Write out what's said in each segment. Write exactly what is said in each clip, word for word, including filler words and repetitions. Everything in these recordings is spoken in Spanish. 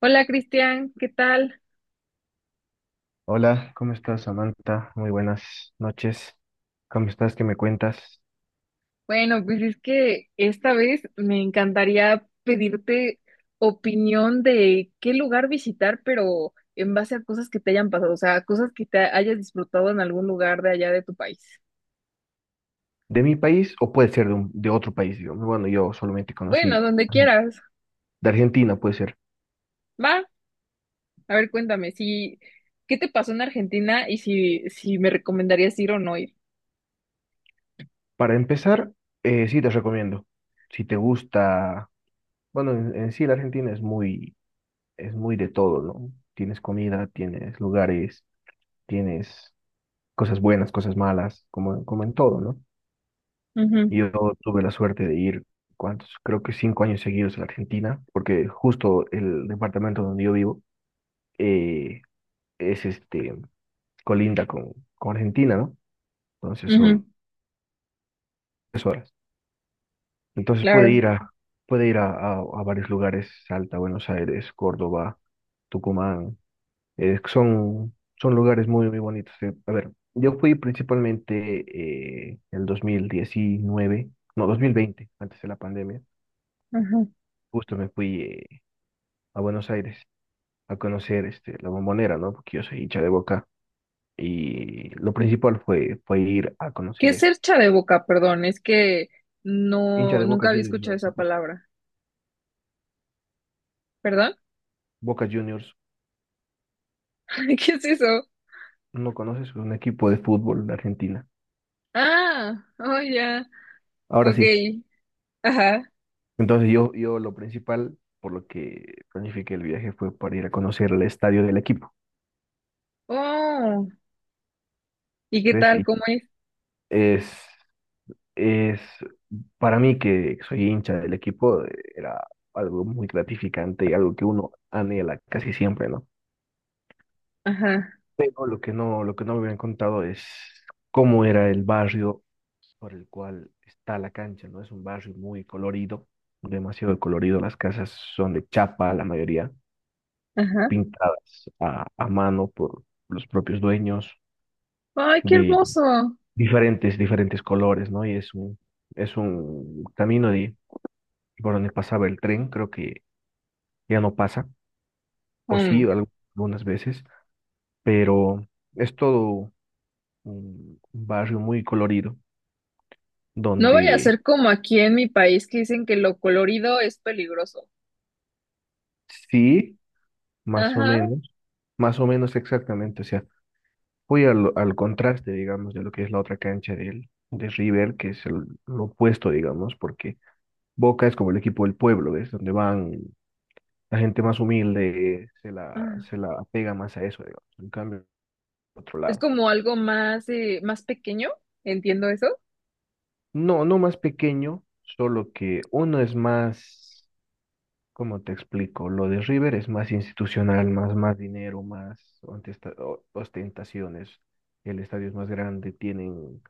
Hola Cristian, ¿qué tal? Hola, ¿cómo estás, Samantha? Muy buenas noches. ¿Cómo estás? ¿Qué me cuentas? Bueno, pues es que esta vez me encantaría pedirte opinión de qué lugar visitar, pero en base a cosas que te hayan pasado, o sea, cosas que te hayas disfrutado en algún lugar de allá de tu país. ¿De mi país o puede ser de, un- de otro país? Digo, bueno, yo solamente Bueno, conocí donde quieras. de Argentina, puede ser. Va, a ver, cuéntame, si, ¿qué te pasó en Argentina y si, si me recomendarías ir o no ir? Para empezar, eh, sí te recomiendo. Si te gusta, bueno, en, en sí la Argentina es muy, es muy de todo, ¿no? Tienes comida, tienes lugares, tienes cosas buenas, cosas malas, como, como en todo, ¿no? Ujú, Y Yo tuve la suerte de ir, ¿cuántos? Creo que cinco años seguidos a la Argentina, porque justo el departamento donde yo vivo, eh, es este, colinda con, con Argentina, ¿no? Entonces ujú, son tres horas. Entonces puede claro. ir a, puede ir a, a, a varios lugares: Salta, Buenos Aires, Córdoba, Tucumán. eh, son, son lugares muy, muy bonitos. eh. A ver, yo fui principalmente, eh, el dos mil diecinueve, no, dos mil veinte, antes de la pandemia. Ujú. Justo me fui, eh, a Buenos Aires a conocer, este, la Bombonera, ¿no? Porque yo soy hincha de Boca y lo principal fue, fue ir a ¿Qué conocer es eso. cercha de boca? Perdón, es que Hincha no, de Boca nunca había Juniors, escuchado ¿no? esa Bo- palabra. ¿Perdón? Boca Juniors, ¿Qué es eso? no conoces, es un equipo de fútbol de Argentina. Ah, oh ya, Ahora ok, sí, ajá, entonces yo, yo lo principal por lo que planifiqué el viaje fue para ir a conocer el estadio del equipo, oh, ¿y qué ¿ves? tal? Y ¿Cómo es? es, es para mí, que soy hincha del equipo, eh, era algo muy gratificante y algo que uno anhela casi siempre, ¿no? Ajá, No, Lo que no, lo que no me habían contado es cómo era el barrio por el cual está la cancha, ¿no? Es un barrio muy colorido, demasiado colorido. Las casas son de chapa, la mayoría, ajá, pintadas a, a mano por los propios dueños, ay, qué de hermoso. diferentes, diferentes colores, ¿no? Y es un, es un camino de, por donde pasaba el tren, creo que ya no pasa, o sí, Mm. al- algunas veces, pero es todo un un barrio muy colorido No vaya a donde... ser como aquí en mi país que dicen que lo colorido es peligroso. Sí, más o Ajá, menos, más o menos exactamente. O sea, voy al, al contraste, digamos, de lo que es la otra cancha del, de River, que es el, lo opuesto, digamos, porque Boca es como el equipo del pueblo, ¿ves? Donde van la gente más humilde, se la, ah. se la apega más a eso, digamos. En cambio, otro Es lado. como algo más, eh, más pequeño, entiendo eso, No, no más pequeño, solo que uno es más. Como te explico, lo de River es más institucional, más, más dinero, más ontesta- o- ostentaciones. El estadio es más grande, tienen,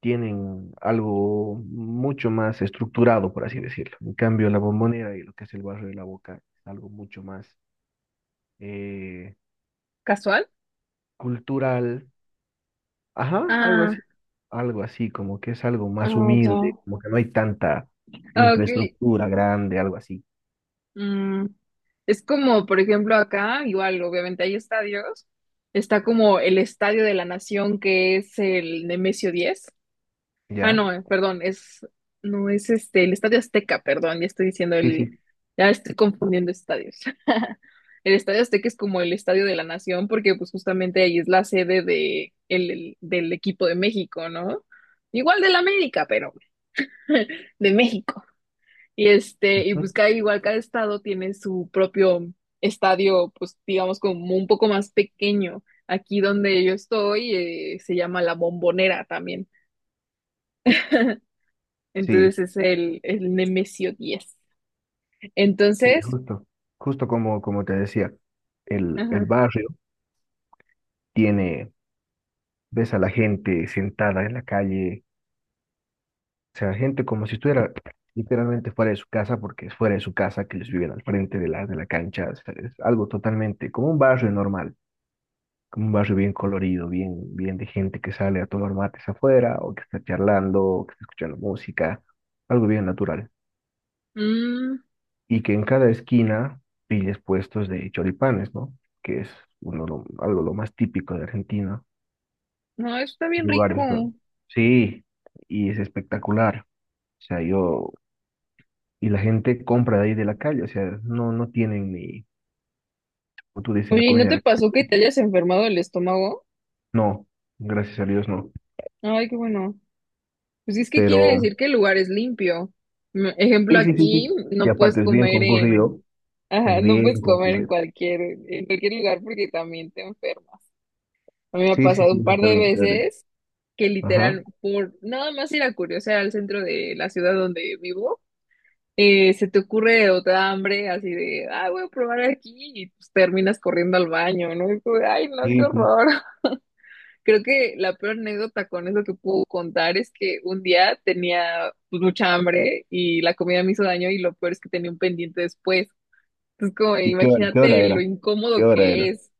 tienen algo mucho más estructurado, por así decirlo. En cambio, la Bombonera y lo que es el barrio de la Boca es algo mucho más, eh, casual. cultural. Ajá, algo así. Ah, Algo así, como que es algo más ah, ya. humilde, como que no hay tanta Ah, ok. infraestructura grande, algo así. Mm, es como, por ejemplo, acá, igual, obviamente hay estadios. Está como el Estadio de la Nación, que es el Nemesio diez. Ah, ¿Ya? no, eh, perdón, es, no, es este, el Estadio Azteca. Perdón, ya estoy diciendo Sí, el, sí. ya estoy confundiendo estadios. El Estadio Azteca es como el Estadio de la Nación, porque pues justamente ahí es la sede de, el, el- del equipo de México, ¿no? Igual del América, pero de México. Y este, y Ujú, pues cada, igual cada estado tiene su propio estadio, pues digamos como un poco más pequeño. Aquí donde yo estoy, eh, se llama La Bombonera también. sí. Entonces es el, el Nemesio diez. Sí, Entonces, justo, justo, como, como te decía, el, el ajá. barrio tiene, ves a la gente sentada en la calle, o sea, gente como si estuviera literalmente fuera de su casa, porque es fuera de su casa, que ellos viven al frente de la, de la cancha. O sea, es algo totalmente como un barrio normal, como un barrio bien colorido, bien, bien de gente que sale a tomar mates afuera, o que está charlando, o que está escuchando música, algo bien natural. Mm, Y que en cada esquina pilles puestos de choripanes, ¿no? Que es uno lo- algo lo más típico de Argentina. no, eso está bien rico. Lugares, ¿no? Sí, y es espectacular. O sea, yo, y la gente compra de ahí de la calle. O sea, no, no tienen ni, como tú dices, la Oye, ¿y no comida de te la pasó que calle. te hayas enfermado el estómago? No, gracias a Dios no. Ay, qué bueno. Pues es que quiere Pero, decir que el lugar es limpio. Mm, Ejemplo, sí, sí, sí, aquí sí. Y no puedes aparte es bien comer en... concurrido, Ajá, es no bien puedes comer en concurrido. cualquier, en cualquier lugar porque también te enfermas. A mí me ha Sí, sí, pasado un sí, eso par de también te daré. veces que Ajá. literal, por nada más ir a curiosear al centro de la ciudad donde vivo, eh, se te ocurre otra hambre así de, ah, voy a probar aquí y pues terminas corriendo al baño, ¿no? Y tú, ay, no, qué Sí, sí. horror. Creo que la peor anécdota con eso que puedo contar es que un día tenía, pues, mucha hambre y la comida me hizo daño y lo peor es que tenía un pendiente después. Entonces, como, ¿Y qué hora, qué hora imagínate lo era? ¿Qué incómodo hora que era? es.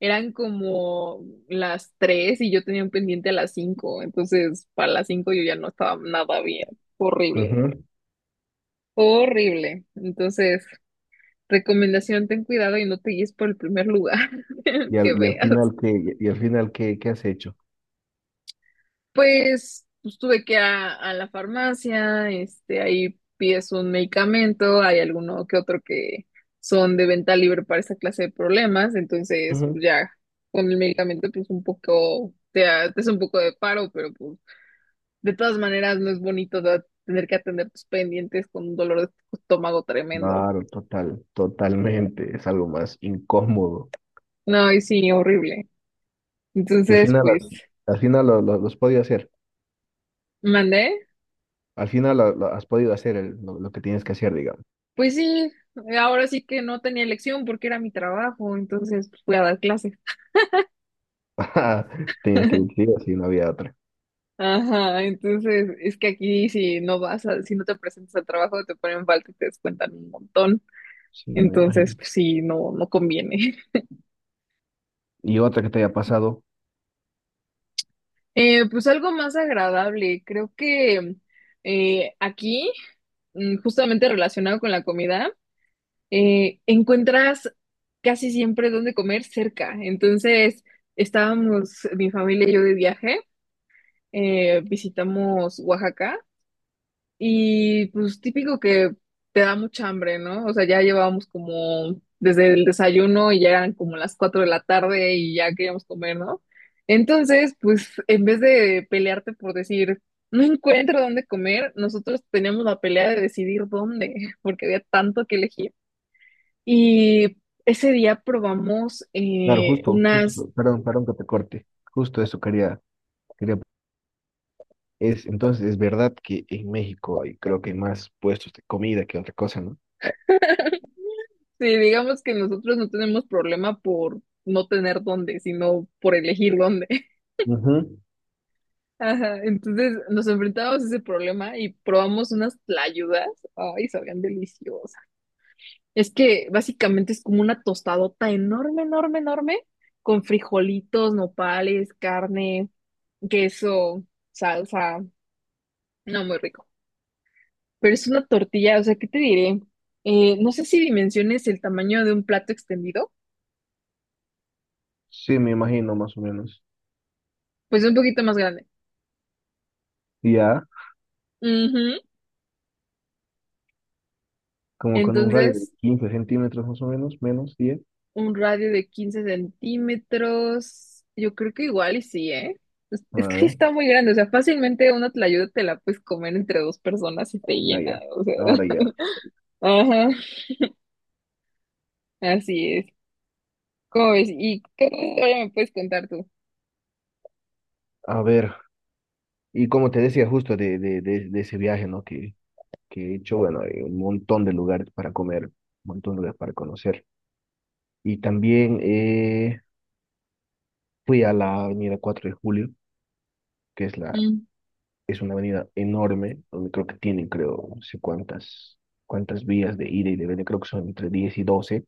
Eran como las tres y yo tenía un pendiente a las cinco. Entonces, para las cinco yo ya no estaba nada bien. Horrible, Ujú. horrible. Entonces, recomendación, ten cuidado y no te guíes por el primer lugar Y que al, y al veas. final, ¿qué, y al final qué, qué has hecho? Pues, pues tuve que a, a la farmacia, este, ahí pides un medicamento, hay alguno que otro que son de venta libre para esa clase de problemas, entonces pues Ujú. ya con el medicamento pues un poco, te, ha- te hace un poco de paro, pero pues de todas maneras no es bonito da- tener que atender tus pendientes con un dolor de estómago tremendo. Claro, total, totalmente. Es algo más incómodo. No, y sí, horrible. Y al Entonces, final, pues, has- al final lo, lo- lo has podido hacer. mandé. Al final lo, lo has podido hacer el- lo, lo que tienes que hacer, digamos. Pues sí, ahora sí que no tenía elección porque era mi trabajo, entonces pues, fui a dar clases. Tenías que ir, sí o sí, no había otra. Ajá, entonces es que aquí si no vas a, si no te presentas al trabajo te ponen falta y te descuentan un montón. Sí, me Entonces, imagino. pues sí, no, no conviene. Y otra que te haya pasado. Eh, pues algo más agradable, creo que, eh, aquí, mm, justamente relacionado con la comida, eh, encuentras casi siempre dónde comer cerca. Entonces, estábamos mi familia y yo de viaje, eh, visitamos Oaxaca. Y pues típico que te da mucha hambre, ¿no? O sea, ya llevábamos como desde el desayuno y ya eran como las cuatro de la tarde y ya queríamos comer, ¿no? Entonces, pues en vez de pelearte por decir, no encuentro dónde comer, nosotros teníamos la pelea de decidir dónde, porque había tanto que elegir. Y ese día probamos, Claro, eh, justo, unas... justo. Perdón, perdón que te corte. Justo eso quería, quería. Es, entonces, es verdad que en México hay, creo que hay más puestos de comida que otra cosa, ¿no? Sí, digamos que nosotros no tenemos problema por no tener dónde, sino por elegir dónde. Ujú. Ajá, entonces nos enfrentábamos a ese problema y probamos unas tlayudas. Ay, sabían deliciosas. Es que básicamente es como una tostadota enorme, enorme, enorme, con frijolitos, nopales, carne, queso, salsa. No, muy rico. Pero es una tortilla, o sea, ¿qué te diré? Eh, no sé si dimensiones el tamaño de un plato extendido, Sí, me imagino más o menos. pues un poquito más grande. Y Ya, Ujú. como con un radio de Entonces, quince centímetros más o menos, menos diez... un radio de quince centímetros. Yo creo que igual y sí, ¿eh? Es, A es que sí ver, está muy grande, o sea, fácilmente una tlayuda te la puedes comer entre dos personas y te ah, llena, ya. o sea. Ahora ya. Ajá, así es. ¿Cómo ves? ¿Y qué otra historia me puedes contar tú? A ver, y como te decía, justo de, de, de, de ese viaje, ¿no? Que, que he hecho, bueno, hay un montón de lugares para comer, un montón de lugares para conocer. Y también, eh, fui a la avenida cuatro de Julio, que es, la, Mm, es una avenida enorme, donde creo que tienen, creo, no sé cuántas, cuántas vías de ida y de venida, creo que son entre diez y doce.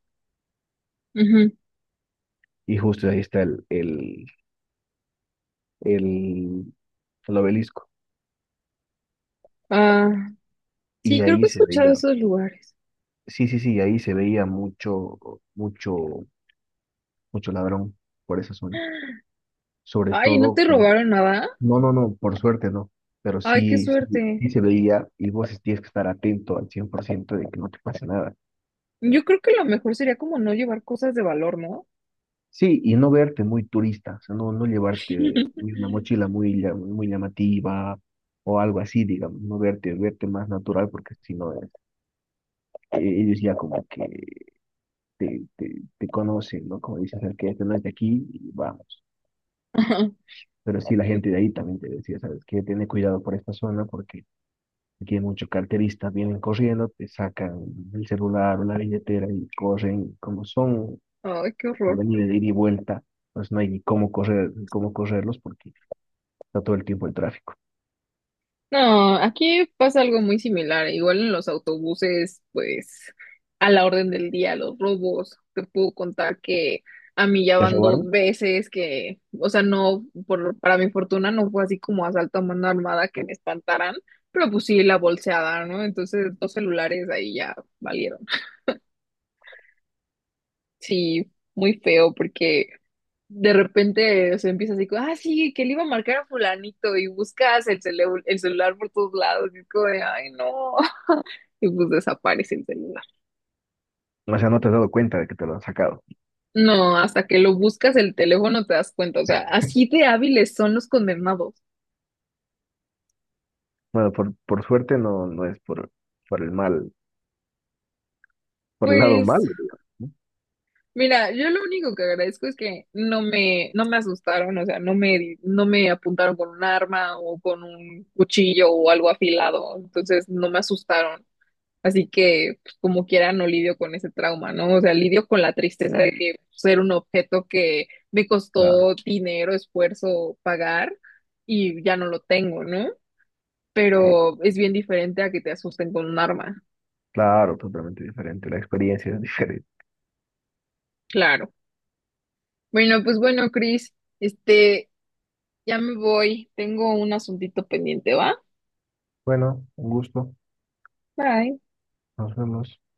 ujú. Y justo ahí está el, el, el, el obelisco. Ah, Y sí, creo ahí que he se escuchado veía, esos lugares. sí, sí, sí, ahí se veía mucho, mucho, mucho ladrón por esa zona. Sobre Ay, ¿no todo, te por- robaron nada? no, no, no, por suerte no, pero Ay, qué sí, sí, suerte. sí se veía. Y vos tienes que estar atento al cien por ciento de que no te pase nada. Yo creo que lo mejor sería como no llevar cosas de valor, ¿no? Sí, y no verte muy turista. O sea, no, no llevarte ni una mochila muy, llam- muy llamativa o algo así, digamos. No verte, verte más natural, porque si no, eh, ellos ya como que te, te, te conocen, ¿no? Como dicen: sabes que este no es de aquí y vamos. Ajá. Pero sí, la gente de ahí también te decía: sabes que tiene cuidado por esta zona, porque aquí hay muchos carteristas, vienen corriendo, te sacan el celular o la billetera y corren. Como son Ay, qué horror. venir de ida y vuelta, pues no hay ni cómo correr, ni cómo correrlos, porque está todo el tiempo el tráfico. No, aquí pasa algo muy similar. Igual en los autobuses, pues a la orden del día, los robos. Te puedo contar que a mí ya ¿Te van dos robaron? veces que, o sea, no, por, para mi fortuna no fue así como asalto a mano armada que me espantaran, pero pues sí la bolseada, ¿no? Entonces dos celulares ahí ya valieron. Sí, muy feo porque de repente se empieza así como, ah, sí, que le iba a marcar a fulanito y buscas el, celu- el celular por todos lados y es como de, ay, no. Y pues desaparece el celular. O sea, no te has dado cuenta de que te lo han sacado. No, hasta que lo buscas el teléfono te das cuenta, o sea, así de hábiles son los condenados. Bueno, por, por suerte no, no es por, por el mal, por el lado Pues malo, digamos, ¿no? mira, yo lo único que agradezco es que no me no me asustaron, o sea, no me no me apuntaron con un arma o con un cuchillo o algo afilado, entonces no me asustaron. Así que, pues, como quiera, no lidio con ese trauma, ¿no? O sea, lidio con la tristeza de que ser un objeto que me Claro, costó dinero, esfuerzo pagar y ya no lo tengo, ¿no? sí. Pero es bien diferente a que te asusten con un arma, Claro, totalmente diferente. La experiencia es diferente. claro. Bueno, pues bueno, Chris, este, ya me voy, tengo un asuntito pendiente, ¿va? Bueno, un gusto. Bye. Nos vemos.